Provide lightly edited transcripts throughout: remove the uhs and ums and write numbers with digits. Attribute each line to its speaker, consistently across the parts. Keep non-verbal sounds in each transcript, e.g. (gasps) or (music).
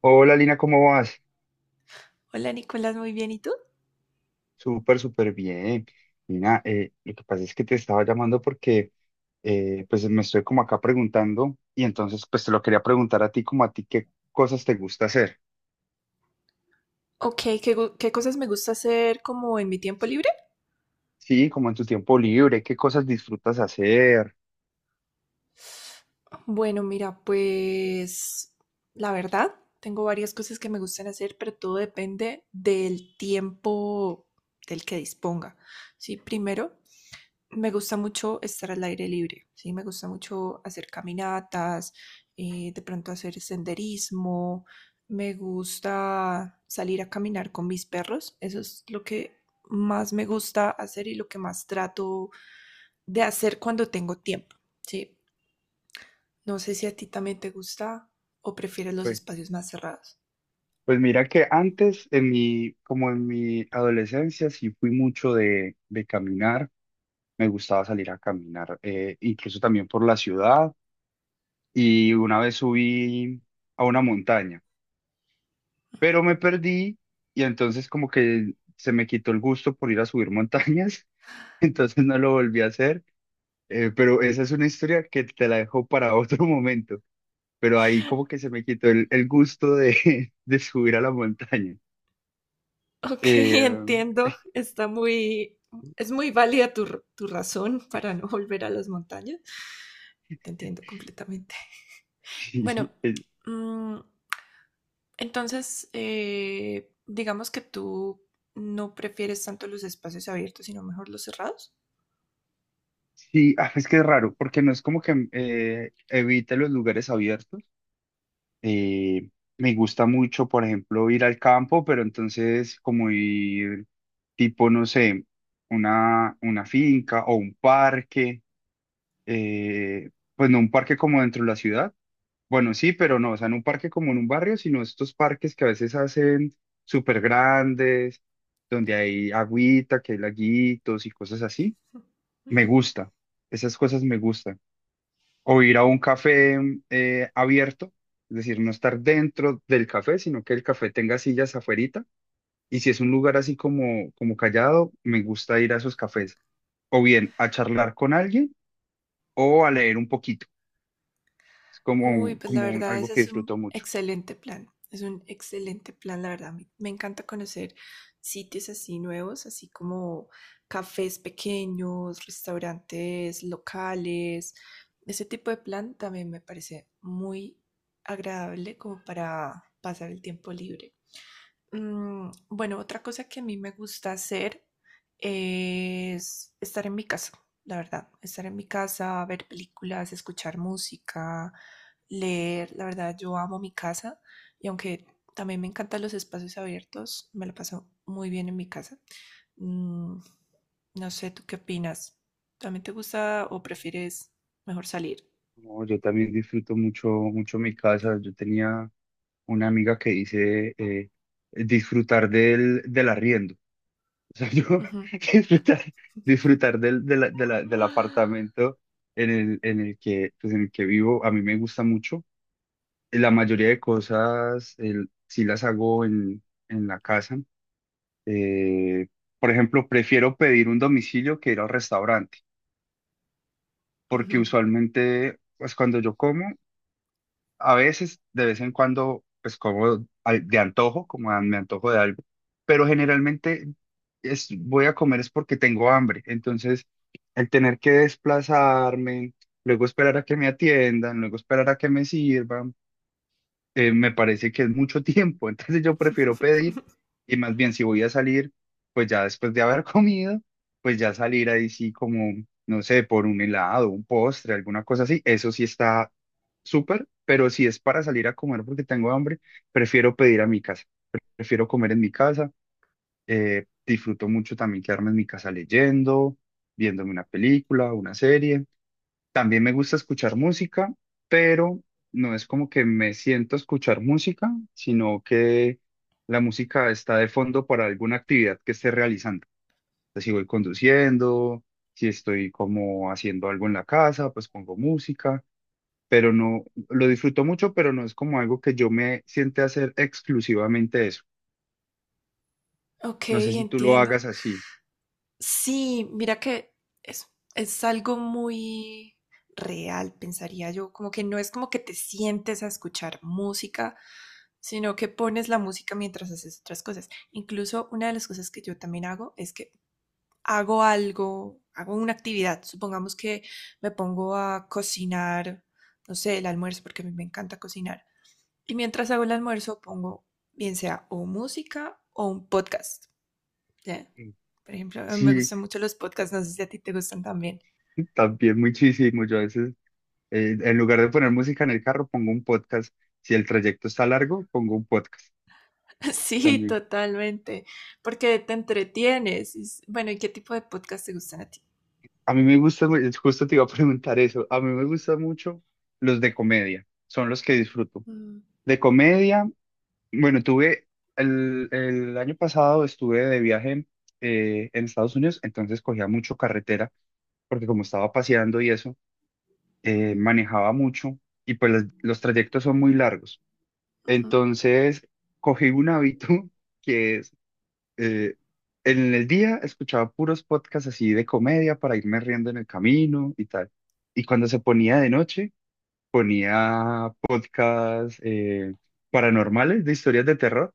Speaker 1: Hola Lina, ¿cómo vas?
Speaker 2: Hola Nicolás, muy bien. ¿Y tú?
Speaker 1: Súper, súper bien. Lina, lo que pasa es que te estaba llamando porque pues me estoy como acá preguntando y entonces pues te lo quería preguntar a ti como a ti qué cosas te gusta hacer.
Speaker 2: Ok, ¿qué cosas me gusta hacer como en mi tiempo
Speaker 1: Sí,
Speaker 2: libre?
Speaker 1: sí, como en tu tiempo libre, qué cosas disfrutas hacer.
Speaker 2: Bueno, mira, pues la verdad, tengo varias cosas que me gustan hacer, pero todo depende del tiempo del que disponga. Sí, primero, me gusta mucho estar al aire libre, ¿sí? Me gusta mucho hacer caminatas, de pronto hacer senderismo, me gusta salir a caminar con mis perros, eso es lo que más me gusta hacer y lo que más trato de hacer cuando tengo tiempo, ¿sí? No sé
Speaker 1: Sí,
Speaker 2: si a ti también te gusta o prefieres los
Speaker 1: pues,
Speaker 2: espacios más cerrados. (laughs)
Speaker 1: pues mira que antes como en mi adolescencia sí fui mucho de caminar, me gustaba salir a caminar, incluso también por la ciudad y una vez subí a una montaña. Pero me perdí y entonces como que se me quitó el gusto por ir a subir montañas, (laughs) entonces no lo volví a hacer, pero esa es una historia que te la dejo para (laughs) otro momento, pero ahí como que se me quitó el gusto (laughs) de subir a la montaña.
Speaker 2: Ok,
Speaker 1: Eh,
Speaker 2: entiendo, está muy, es muy válida tu, tu razón para no volver a las montañas, te entiendo completamente.
Speaker 1: (laughs)
Speaker 2: Bueno,
Speaker 1: sí,
Speaker 2: mm, entonces, digamos que tú no prefieres tanto los espacios abiertos, sino mejor los cerrados.
Speaker 1: sí, ah, es que es raro, porque no es como que evite los lugares abiertos. Eh, Me gusta mucho, por ejemplo, ir al campo, pero entonces como ir tipo, no sé, una finca o un parque, eh, pues no un parque como dentro de la ciudad, bueno, sí, pero no, o sea, no un parque como en un barrio, sino estos parques que a veces hacen súper grandes, donde hay agüita, que hay laguitos y cosas así. Me gusta, esas cosas me gustan o ir a un café abierto, es decir, no estar dentro del café, sino que el café tenga sillas afuerita. Y si es un lugar así como, como callado, me gusta ir a esos cafés. O bien a charlar con alguien o a leer un poquito. Es
Speaker 2: Uy,
Speaker 1: como,
Speaker 2: pues la
Speaker 1: como
Speaker 2: verdad,
Speaker 1: algo
Speaker 2: ese
Speaker 1: que
Speaker 2: es un
Speaker 1: disfruto mucho.
Speaker 2: excelente plan. Es un excelente plan, la verdad. Me encanta conocer sitios así nuevos, así como cafés pequeños, restaurantes locales. Ese tipo de plan también me parece muy agradable como para pasar el tiempo libre. Bueno, otra cosa que a mí me gusta hacer es estar en mi casa, la verdad. Estar en mi casa, ver películas, escuchar música, leer. La verdad, yo amo mi casa y aunque también me encantan los espacios abiertos, me la paso muy bien en mi casa. Mm, no sé, ¿tú qué opinas? ¿También te gusta o prefieres mejor salir?
Speaker 1: No, yo también disfruto mucho, mucho mi casa. Yo tenía una amiga que dice disfrutar del arriendo. O sea, yo
Speaker 2: Ujú.
Speaker 1: (laughs) disfrutar, disfrutar del, del
Speaker 2: (gasps)
Speaker 1: apartamento en el que, pues en el que vivo, a mí me gusta mucho. La mayoría de cosas el, sí las hago en la casa. Eh, por ejemplo, prefiero pedir un domicilio que ir al restaurante, porque
Speaker 2: Ujú.
Speaker 1: usualmente, pues cuando yo como, a veces, de vez en cuando, pues como de antojo, como me antojo de algo, pero generalmente es, voy a comer es porque tengo hambre. Entonces, el tener que desplazarme, luego esperar a que me atiendan, luego esperar a que me sirvan me parece que es mucho tiempo, (laughs) entonces yo prefiero pedir
Speaker 2: (laughs)
Speaker 1: y más bien si voy a salir, pues ya después de haber (laughs) comido, pues ya salir ahí sí como, no sé, por un helado, un postre, alguna cosa así, eso sí está súper, pero si es para salir a comer porque tengo hambre, prefiero pedir a mi casa, prefiero comer en mi casa, disfruto mucho también quedarme en mi casa leyendo, viéndome una película, una serie. También me gusta escuchar música, pero no es como que me siento a escuchar música, sino que la música está de fondo para alguna actividad que esté realizando. Entonces, si voy conduciendo, si estoy como haciendo algo en la casa, pues pongo música, pero no, lo disfruto mucho, pero no es como algo que yo me siente a hacer exclusivamente eso.
Speaker 2: Ok,
Speaker 1: No sé si tú lo
Speaker 2: entiendo.
Speaker 1: hagas así.
Speaker 2: Sí, mira que es, es algo muy real, pensaría yo, como que no es como que te sientes a escuchar música, sino que pones la música mientras haces otras cosas. Incluso una de las cosas que yo también hago es que hago algo, hago una actividad, supongamos que me pongo a cocinar, no sé, el almuerzo, porque a mí me encanta cocinar, y mientras hago el almuerzo pongo bien sea o música o un podcast. Ya. Por ejemplo, me
Speaker 1: Sí,
Speaker 2: gustan mucho los podcasts, no sé si a ti te gustan también.
Speaker 1: también muchísimo. Yo a veces en lugar de poner música en el carro, pongo un podcast. Si el trayecto está largo, pongo un podcast
Speaker 2: (laughs) Sí,
Speaker 1: también.
Speaker 2: totalmente, porque te entretienes. Es- Bueno, ¿y qué tipo de podcasts te gustan a ti?
Speaker 1: A mí me gusta, es justo te iba a preguntar eso, a mí me gustan mucho los de comedia, son los que disfruto.
Speaker 2: Mm,
Speaker 1: De comedia, bueno, tuve, el año pasado estuve de viaje en Estados Unidos, entonces cogía mucho carretera, porque como estaba paseando y eso,
Speaker 2: ujú,
Speaker 1: manejaba mucho y pues los trayectos son muy largos.
Speaker 2: ujú,
Speaker 1: Entonces, cogí un hábito. (laughs) Que es eh, en el día escuchaba puros podcasts así de comedia para irme riendo en el camino y tal. Y cuando se ponía de noche, ponía podcasts paranormales de historias de terror.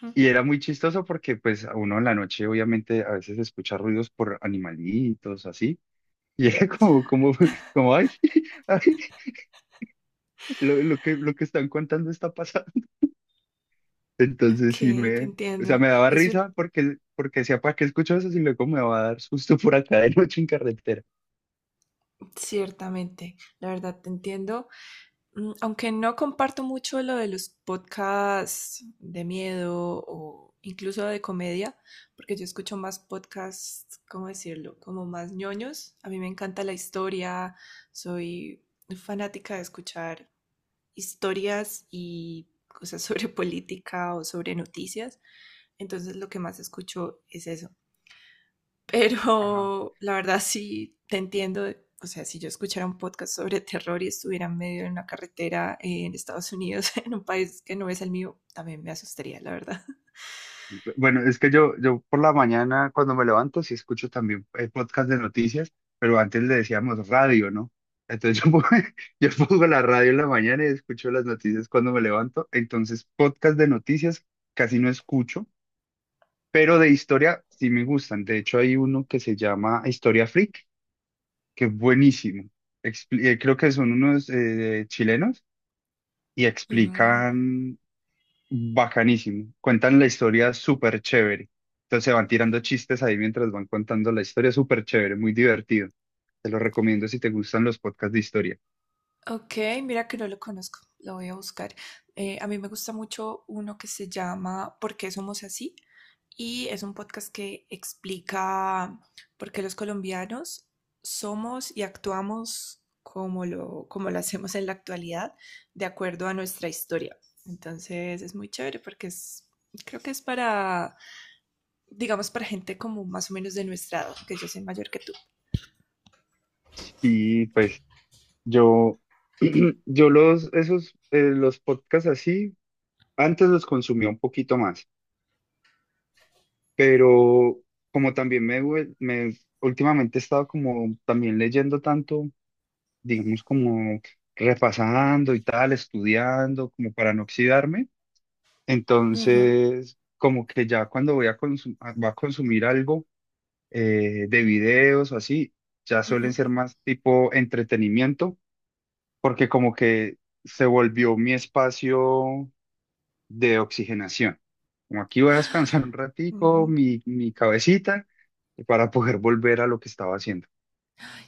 Speaker 2: ujú.
Speaker 1: Y era muy chistoso porque pues a uno en la noche obviamente a veces escucha ruidos por animalitos, así. (laughs) Y era como, como, como, ay, (laughs) ay, lo, lo que están contando está. Entonces
Speaker 2: Ok,
Speaker 1: sí
Speaker 2: te
Speaker 1: me, o sea,
Speaker 2: entiendo.
Speaker 1: me daba
Speaker 2: Es un-
Speaker 1: risa porque, porque decía, ¿para qué escucho eso si luego me va a dar susto por acá de noche en carretera?
Speaker 2: ciertamente, la verdad te entiendo. Mm, aunque no comparto mucho lo de los podcasts de miedo o incluso de comedia, porque yo escucho más podcasts, ¿cómo decirlo? Como más ñoños. A mí me encanta la historia, soy fanática de escuchar historias y cosas sobre (laughs) política o sobre noticias. Entonces lo que más escucho es eso.
Speaker 1: Ajá.
Speaker 2: Pero la verdad sí te entiendo. O sea, si yo escuchara un podcast sobre terror y estuviera en medio de una carretera en Estados Unidos, (laughs) en un país que no es el mío, también me asustaría, la verdad.
Speaker 1: Y, pues, bueno, es que yo por la mañana cuando me levanto sí escucho también el podcast de noticias, pero antes le decíamos radio, ¿no? Entonces yo pongo, (laughs) yo pongo la radio en la mañana y escucho las noticias cuando me levanto. Entonces podcast de noticias casi no escucho, pero de historia sí me gustan. De hecho hay uno que se llama Historia Freak que es buenísimo. Creo que son unos chilenos y
Speaker 2: Mm.
Speaker 1: explican bacanísimo. Cuentan la historia súper chévere. Entonces van tirando chistes ahí mientras van contando la historia, súper chévere, muy divertido. Te lo recomiendo si te gustan los podcasts de historia.
Speaker 2: Ok, mira que no lo conozco, lo voy a buscar. A mí me gusta mucho uno que se llama ¿Por qué somos así? Y es un podcast que explica por qué los colombianos somos y actuamos como lo hacemos en la actualidad, de acuerdo a nuestra historia. Entonces es muy chévere porque es, creo que es para, digamos, para gente como más o menos de nuestra edad, que yo soy mayor que tú.
Speaker 1: Y pues yo, (clears throat) yo los, esos, los podcasts así, antes los consumía un poquito más, pero como también me, últimamente he estado como también leyendo tanto digamos, como repasando y tal, estudiando, como para no oxidarme.
Speaker 2: Ujú,
Speaker 1: Entonces, como que ya cuando voy a, va a consumir algo de videos o así, ya suelen
Speaker 2: ujú,
Speaker 1: ser más tipo entretenimiento, porque como que se volvió mi espacio de oxigenación. Como aquí voy a descansar un ratico,
Speaker 2: ujú.
Speaker 1: mi cabecita, para poder volver a lo que estaba haciendo.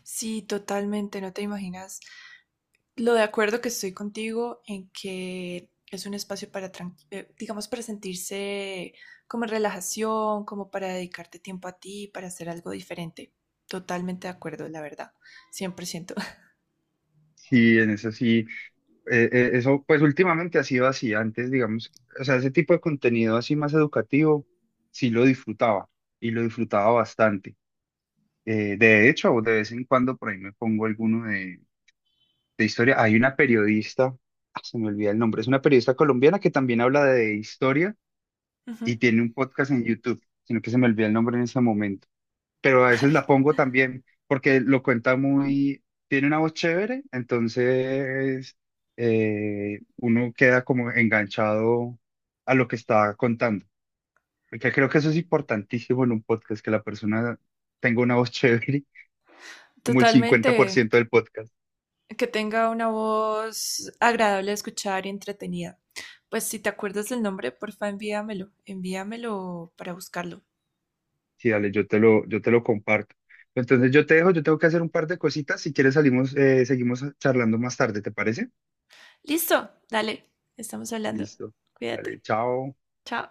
Speaker 2: Sí, totalmente, no te imaginas lo de acuerdo que estoy contigo en que es un espacio para, digamos, para sentirse como en relajación, como para dedicarte tiempo a ti, para hacer algo diferente. Totalmente de acuerdo, la verdad. 100%. (laughs)
Speaker 1: Sí, en eso sí. Eso pues últimamente ha sido así. Antes, digamos, o sea, ese tipo de contenido así más educativo, sí lo disfrutaba y lo disfrutaba bastante. De hecho, de vez en cuando por ahí me pongo alguno de historia. Hay una periodista, ah, se me olvida el nombre, es una periodista colombiana que también habla de historia
Speaker 2: Ujú.
Speaker 1: y tiene un podcast en YouTube, sino que se me olvida el nombre en ese momento, pero a veces
Speaker 2: Ay,
Speaker 1: la pongo también porque lo cuenta muy, tiene una voz chévere, entonces uno queda como enganchado a lo que está contando, porque creo que eso es importantísimo en un podcast, que la persona tenga una voz chévere, (laughs) como el
Speaker 2: totalmente.
Speaker 1: 50%
Speaker 2: Que
Speaker 1: del podcast.
Speaker 2: que tenga una voz agradable de escuchar y entretenida. Pues si te acuerdas del nombre, porfa, envíamelo. Envíamelo para buscarlo.
Speaker 1: Sí, dale, yo te lo comparto. Entonces yo te dejo, yo tengo que hacer un par de cositas, si quieres salimos, seguimos charlando más tarde, ¿te parece?
Speaker 2: Listo, dale. Estamos hablando.
Speaker 1: Listo.
Speaker 2: Cuídate.
Speaker 1: Dale, chao.
Speaker 2: Chao.